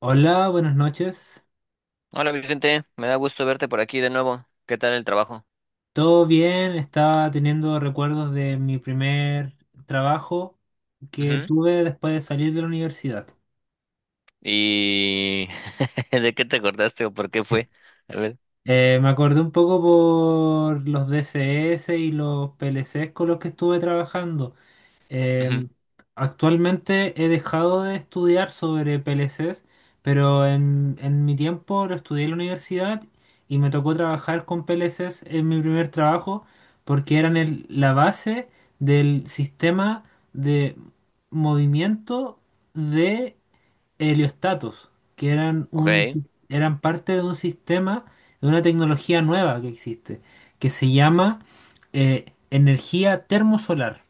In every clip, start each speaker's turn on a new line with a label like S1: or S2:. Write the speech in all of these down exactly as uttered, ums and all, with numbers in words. S1: Hola, buenas noches.
S2: Hola Vicente, me da gusto verte por aquí de nuevo. ¿Qué tal el trabajo?
S1: ¿Todo bien? Estaba teniendo recuerdos de mi primer trabajo que
S2: Ujú.
S1: tuve después de salir de la universidad.
S2: ¿Y de qué te acordaste o por qué
S1: Sí.
S2: fue? A ver.
S1: Eh, me acordé un poco por los D C S y los P L Cs con los que estuve trabajando.
S2: Ujú.
S1: Em, Actualmente he dejado de estudiar sobre P L Cs, pero en, en mi tiempo lo estudié en la universidad y me tocó trabajar con P L Cs en mi primer trabajo porque eran el- la base del sistema de movimiento de heliostatos, que eran, un,
S2: Ok.
S1: sis- eran parte de un sistema, de una tecnología nueva que existe, que se llama eh, energía termosolar.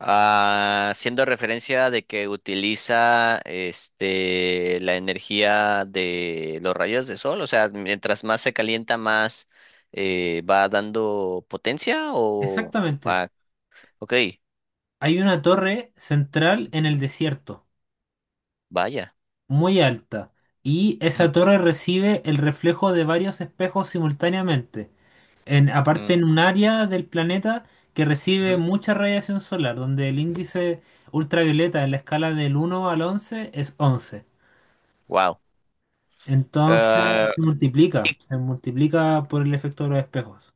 S2: Ah, haciendo referencia de que utiliza este la energía de los rayos de sol, o sea, mientras más se calienta, más eh, va dando potencia o
S1: Exactamente.
S2: ah, ok,
S1: Hay una torre central en el desierto,
S2: vaya.
S1: muy alta, y esa torre recibe el reflejo de varios espejos simultáneamente. En, aparte, en un área del planeta que recibe mucha radiación solar, donde el índice ultravioleta en la escala del uno al once es once.
S2: Wow.
S1: Entonces se multiplica, se multiplica por el efecto de los espejos.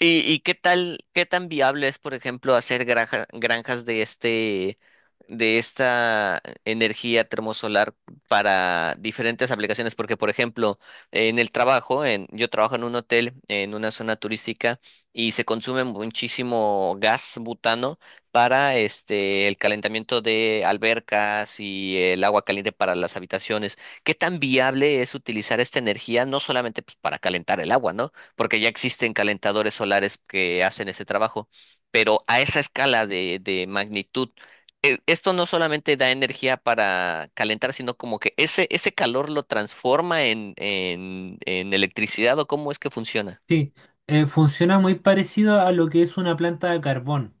S2: ¿Y, y qué tal, qué tan viable es, por ejemplo, hacer granja- granjas de este, de esta energía termosolar para diferentes aplicaciones? Porque, por ejemplo, en el trabajo, en, yo trabajo en un hotel, en una zona turística, y se consume muchísimo gas butano para este, el calentamiento de albercas y el agua caliente para las habitaciones. ¿Qué tan viable es utilizar esta energía, no solamente pues, para calentar el agua, ¿no? Porque ya existen calentadores solares que hacen ese trabajo, pero a esa escala de, de magnitud, e- esto no solamente da energía para calentar, sino como que ese, ese calor lo transforma en, en, en electricidad o cómo es que funciona.
S1: Sí, eh, funciona muy parecido a lo que es una planta de carbón.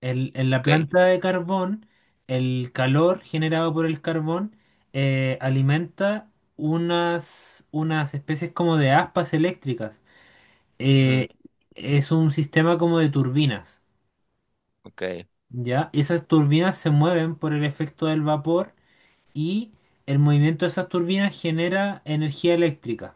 S1: El- en la
S2: Ok,
S1: planta de carbón, el calor generado por el carbón eh, alimenta unas, unas especies como de aspas eléctricas.
S2: ujú,
S1: Eh, es un sistema como de turbinas,
S2: ok.
S1: ¿ya? Esas turbinas se mueven por el efecto del vapor y el movimiento de esas turbinas genera energía eléctrica.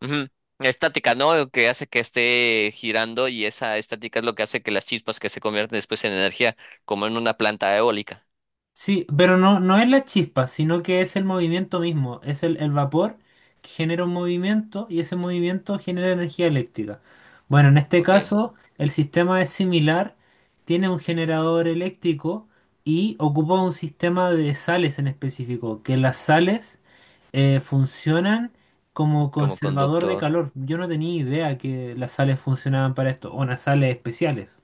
S2: Ujú. Estática, ¿no? Lo que hace que esté girando y esa estática es lo que hace que las chispas que se convierten después en energía, como en una planta eólica.
S1: Sí, pero no, no es la chispa, sino que es el movimiento mismo, es el, el vapor que genera un movimiento y ese movimiento genera energía eléctrica. Bueno, en este
S2: Ok.
S1: caso el sistema es similar, tiene un generador eléctrico y ocupa un sistema de sales en específico, que las sales eh, funcionan como
S2: Como
S1: conservador de
S2: conductor.
S1: calor. Yo no tenía idea que las sales funcionaban para esto, o unas sales especiales.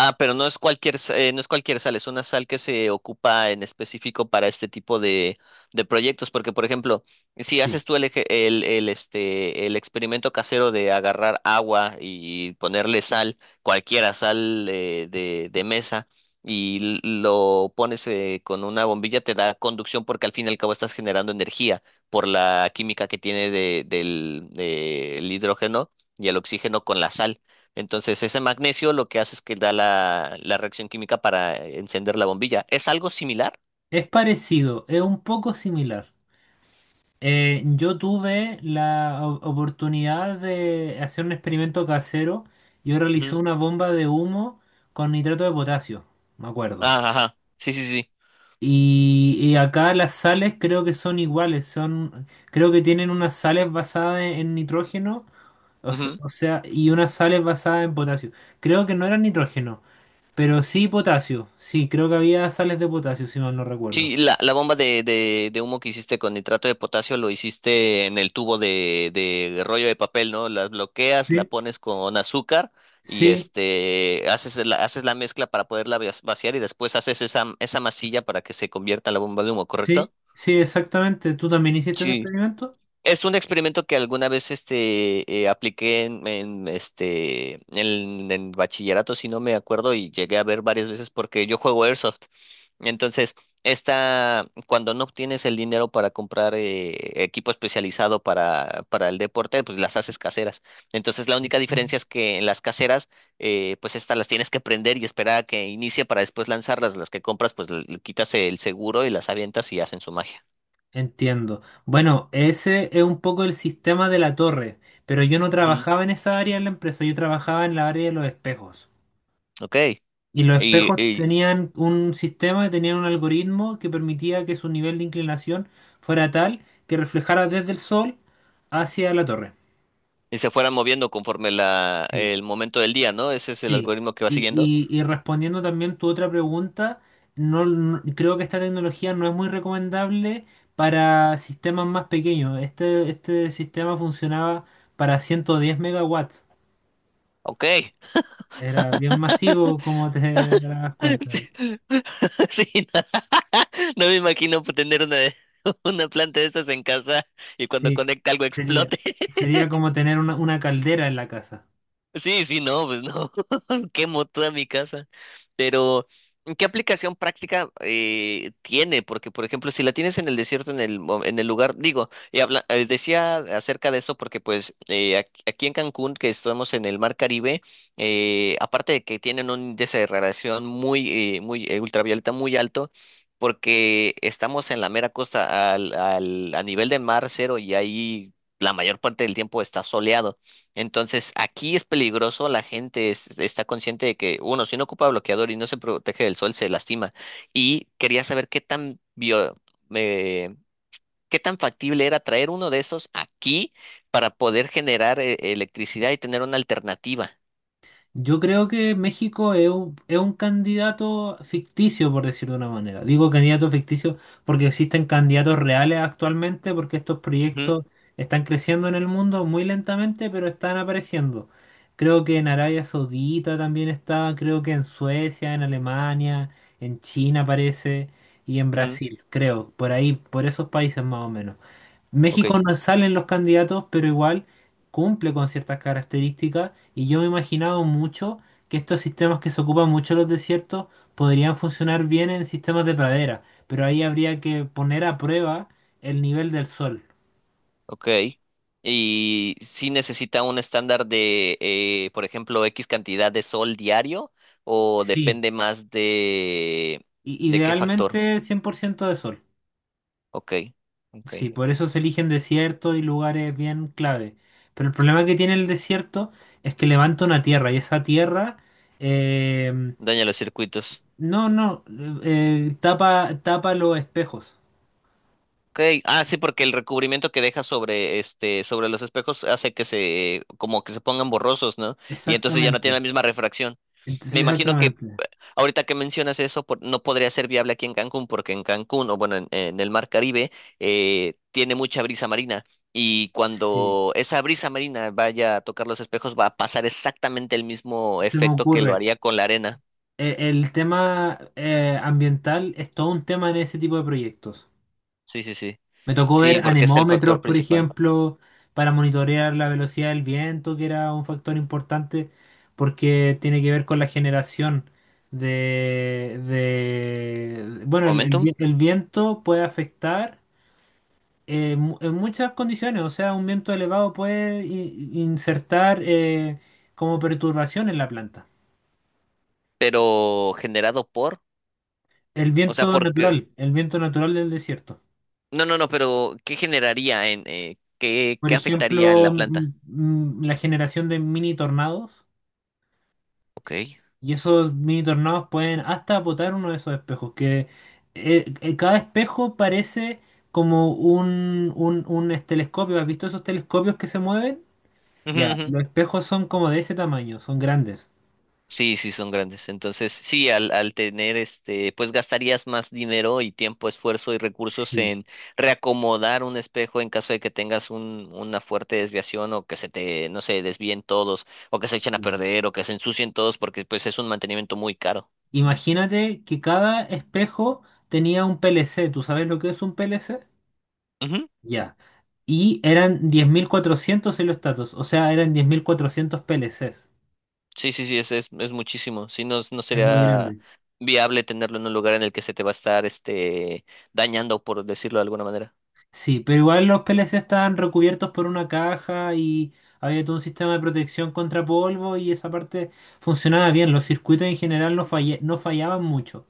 S2: Ah, pero no es cualquier, sa- eh, no es cualquier sal, es una sal que se ocupa en específico para este tipo de, de proyectos, porque por ejemplo, si
S1: Sí,
S2: haces tú el, eje- el, el, este, el experimento casero de agarrar agua y ponerle sal, cualquiera sal eh, de, de mesa, y l- lo pones eh, con una bombilla, te da conducción porque al fin y al cabo estás generando energía por la química que tiene de, del, del hidrógeno y el oxígeno con la sal. Entonces, ese magnesio lo que hace es que da la, la reacción química para eh, encender la bombilla. ¿Es algo similar?
S1: es parecido, es un poco similar. Eh, yo tuve la o- oportunidad de hacer un experimento casero. Yo realicé
S2: Ujú.
S1: una bomba de humo con nitrato de potasio, me acuerdo.
S2: Ah, ajá. Sí, sí, sí.
S1: Y, y acá las sales creo que son iguales, son, creo que tienen unas sales basadas en, en nitrógeno, o se-
S2: Ujú.
S1: o sea, y unas sales basadas en potasio. Creo que no eran nitrógeno, pero sí potasio. Sí, creo que había sales de potasio, si mal no recuerdo.
S2: Sí, la, la bomba de, de, de humo que hiciste con nitrato de potasio lo hiciste en el tubo de, de rollo de papel, ¿no? La bloqueas, la
S1: Sí,
S2: pones con azúcar y
S1: sí,
S2: este haces la, haces la mezcla para poderla vac- vaciar y después haces esa, esa masilla para que se convierta en la bomba de humo,
S1: sí,
S2: ¿correcto?
S1: sí, exactamente. ¿Tú también hiciste ese
S2: Sí.
S1: experimento?
S2: Es un experimento que alguna vez este, eh, apliqué en, en, este, en, en bachillerato, si no me acuerdo, y llegué a ver varias veces porque yo juego Airsoft. Entonces, esta, cuando no obtienes el dinero para comprar eh, equipo especializado para, para el deporte, pues las haces caseras. Entonces, la única diferencia es que en las caseras, eh, pues estas las tienes que prender y esperar a que inicie para después lanzarlas. Las que compras, pues le, le quitas el seguro y las avientas y hacen su magia.
S1: Entiendo. Bueno, ese es un poco el sistema de la torre, pero yo no
S2: Ujú.
S1: trabajaba en esa área de la empresa, yo trabajaba en la área de los espejos.
S2: Ok.
S1: Y los
S2: Y,
S1: espejos
S2: y
S1: tenían un sistema, tenían un algoritmo que permitía que su nivel de inclinación fuera tal que reflejara desde el sol hacia la torre.
S2: y se fueran moviendo conforme la,
S1: Sí.
S2: el momento del día, ¿no? Ese es el
S1: Sí,
S2: algoritmo que va
S1: y,
S2: siguiendo.
S1: y- y respondiendo también tu otra pregunta, no, no- creo que esta tecnología no es muy recomendable para sistemas más pequeños. Este, este sistema funcionaba para ciento diez megawatts.
S2: Ok.
S1: Era bien masivo, como te darás
S2: Sí,
S1: cuenta.
S2: sí, no, no me imagino tener una, una planta de estas en casa y cuando
S1: Sí,
S2: conecta algo
S1: sería,
S2: explote.
S1: sería como tener una, una caldera en la casa.
S2: Sí, sí, no, pues no, quemo toda mi casa. Pero, ¿qué aplicación práctica eh, tiene? Porque, por ejemplo, si la tienes en el desierto, en el, mo- en el lugar, digo, y habla, eh, decía acerca de esto porque, pues, eh, ac- aquí, en Cancún, que estamos en el Mar Caribe, eh, aparte de que tienen un índice de radiación muy, eh, muy eh, ultravioleta muy alto, porque estamos en la mera costa, al, al, a nivel de mar cero y ahí la mayor parte del tiempo está soleado. Entonces, aquí es peligroso, la gente es- está consciente de que uno, si no ocupa bloqueador y no se protege del sol, se lastima. Y quería saber qué tan bio- eh, qué tan factible era traer uno de esos aquí para poder generar eh, electricidad y tener una alternativa.
S1: Yo creo que México es un, es un candidato ficticio, por decirlo de una manera. Digo candidato ficticio porque existen candidatos reales actualmente, porque estos
S2: Ujú,
S1: proyectos están creciendo en el mundo muy lentamente, pero están apareciendo. Creo que en Arabia Saudita también está, creo que en Suecia, en Alemania, en China aparece, y en
S2: ujú,
S1: Brasil, creo, por ahí, por esos países más o menos.
S2: ok,
S1: México no salen los candidatos, pero igual cumple con ciertas características y yo me he imaginado mucho que estos sistemas que se ocupan mucho en los desiertos podrían funcionar bien en sistemas de pradera, pero ahí habría que poner a prueba el nivel del sol.
S2: ok. Y si necesita un estándar de, eh, por ejemplo, X cantidad de sol diario o
S1: Sí,
S2: depende más de,
S1: i-
S2: de qué factor.
S1: idealmente cien por ciento de sol.
S2: Ok, ok.
S1: Sí, por eso se eligen desiertos y lugares bien clave. Pero el problema que tiene el desierto es que levanta una tierra y esa tierra eh,
S2: Daña los circuitos.
S1: no, no, eh, tapa, tapa los espejos.
S2: Okay. Ah, sí, porque el recubrimiento que deja sobre este, sobre los espejos hace que se, como que se pongan borrosos, ¿no? Y entonces ya no tiene la
S1: Exactamente.
S2: misma refracción.
S1: Entonces,
S2: Me imagino que
S1: exactamente.
S2: ahorita que mencionas eso, por- no podría ser viable aquí en Cancún, porque en Cancún, o bueno, en, en el Mar Caribe, eh, tiene mucha brisa marina. Y
S1: Sí,
S2: cuando esa brisa marina vaya a tocar los espejos, va a pasar exactamente el mismo
S1: se me
S2: efecto que lo
S1: ocurre.
S2: haría con la arena.
S1: Eh, el tema eh, ambiental es todo un tema en ese tipo de proyectos.
S2: Sí, sí, sí.
S1: Me tocó
S2: Sí,
S1: ver
S2: porque es el factor
S1: anemómetros, por
S2: principal.
S1: ejemplo, para monitorear la velocidad del viento, que era un factor importante porque tiene que ver con la generación de, de- bueno, el el
S2: ¿Momentum?
S1: vi- el viento puede afectar. Eh, mu- en muchas condiciones, o sea, un viento elevado puede i- insertar eh, como perturbación en la planta.
S2: Pero generado por,
S1: El
S2: o sea,
S1: viento
S2: porque,
S1: natural, el viento natural del desierto.
S2: no, no, no, pero ¿qué generaría en, eh, qué,
S1: Por
S2: qué afectaría en la
S1: ejemplo,
S2: planta?
S1: mm, mm, la generación de mini tornados,
S2: Ok.
S1: y esos mini tornados pueden hasta botar uno de esos espejos, que eh, eh, cada espejo parece como un, un, un es- telescopio. ¿Has visto esos telescopios que se mueven?
S2: Ujú,
S1: Ya,
S2: ujú.
S1: los espejos son como de ese tamaño, son grandes.
S2: Sí, sí, son grandes. Entonces, sí, al, al tener este, pues gastarías más dinero y tiempo, esfuerzo y recursos
S1: Sí.
S2: en reacomodar un espejo en caso de que tengas un, una fuerte desviación o que se te, no sé, desvíen todos o que se echen a perder o que se ensucien todos porque pues es un mantenimiento muy caro.
S1: Imagínate que cada espejo tenía un P L C. ¿Tú sabes lo que es un P L C? Ya. Y eran diez mil cuatrocientos heliostatos, o sea, eran diez mil cuatrocientos P L Cs.
S2: Sí, sí, sí, es, es, es muchísimo. Si no, no
S1: Es muy
S2: sería
S1: grande.
S2: viable tenerlo en un lugar en el que se te va a estar este dañando, por decirlo de alguna manera.
S1: Sí, pero igual los P L C estaban recubiertos por una caja y había todo un sistema de protección contra polvo y esa parte funcionaba bien. Los circuitos en general no falle- no fallaban mucho.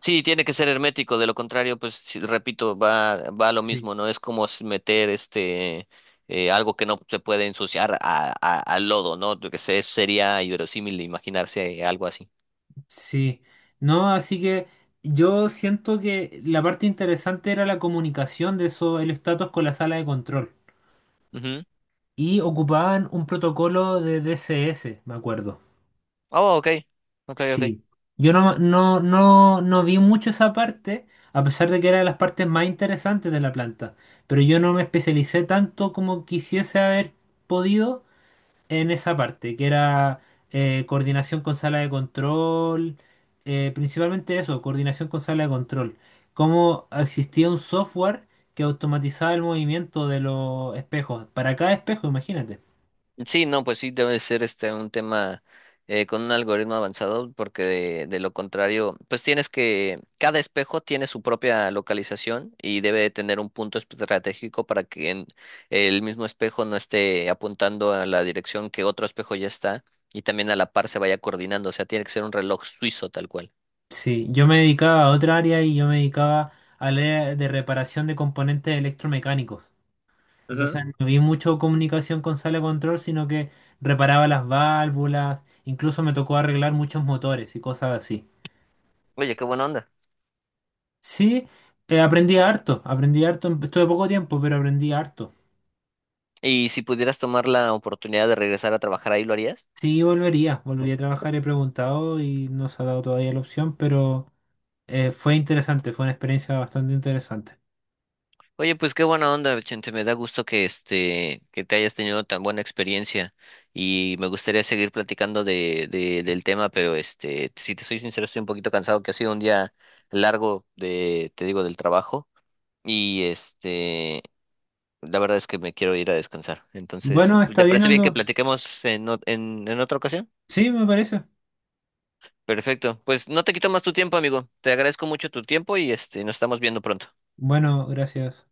S2: Sí, tiene que ser hermético, de lo contrario, pues sí, repito, va, va a lo
S1: Sí.
S2: mismo, ¿no? Es como s- meter este eh, algo que no se puede ensuciar a, a- al lodo, ¿no? Lo que sé, sería inverosímil imaginarse algo así.
S1: Sí, no, así que yo siento que la parte interesante era la comunicación de eso, el status con la sala de control.
S2: Ujú.
S1: Y ocupaban un protocolo de D S S, me acuerdo.
S2: Oh, ok, ok, ok.
S1: Sí. Yo no, no, no, no vi mucho esa parte, a pesar de que era de las partes más interesantes de la planta. Pero yo no me especialicé tanto como quisiese haber podido en esa parte, que era eh, coordinación con sala de control, eh, principalmente eso, coordinación con sala de control. Cómo existía un software que automatizaba el movimiento de los espejos, para cada espejo, imagínate.
S2: Sí, no, pues sí debe ser este un tema eh, con un algoritmo avanzado, porque de, de lo contrario, pues tienes que, cada espejo tiene su propia localización y debe tener un punto estratégico para que en- el mismo espejo no esté apuntando a la dirección que otro espejo ya está y también a la par se vaya coordinando, o sea, tiene que ser un reloj suizo tal cual.
S1: Sí, yo me dedicaba a otra área y yo me dedicaba al área de reparación de componentes electromecánicos.
S2: Ujú.
S1: Entonces no vi mucho comunicación con sala de control, sino que reparaba las válvulas, incluso me tocó arreglar muchos motores y cosas así.
S2: Oye, qué buena onda.
S1: Sí, eh, aprendí harto, aprendí harto, em- estuve poco tiempo, pero aprendí harto.
S2: ¿Y si pudieras tomar la oportunidad de regresar a trabajar ahí, lo harías?
S1: Sí, volvería, volvería a trabajar, he preguntado y no se ha dado todavía la opción, pero eh, fue interesante, fue una experiencia bastante interesante.
S2: Oye, pues qué buena onda, Vicente. Me da gusto que este, que te hayas tenido tan buena experiencia y me gustaría seguir platicando de, de, del tema, pero este, si te soy sincero, estoy un poquito cansado, que ha sido un día largo de, te digo, del trabajo y este, la verdad es que me quiero ir a descansar. Entonces,
S1: Bueno, está
S2: ¿te
S1: bien,
S2: parece bien que
S1: Aldo.
S2: platiquemos en, ot- en, en otra ocasión?
S1: Sí, me parece.
S2: Perfecto. Pues no te quito más tu tiempo, amigo. Te agradezco mucho tu tiempo y este, nos estamos viendo pronto.
S1: Bueno, gracias.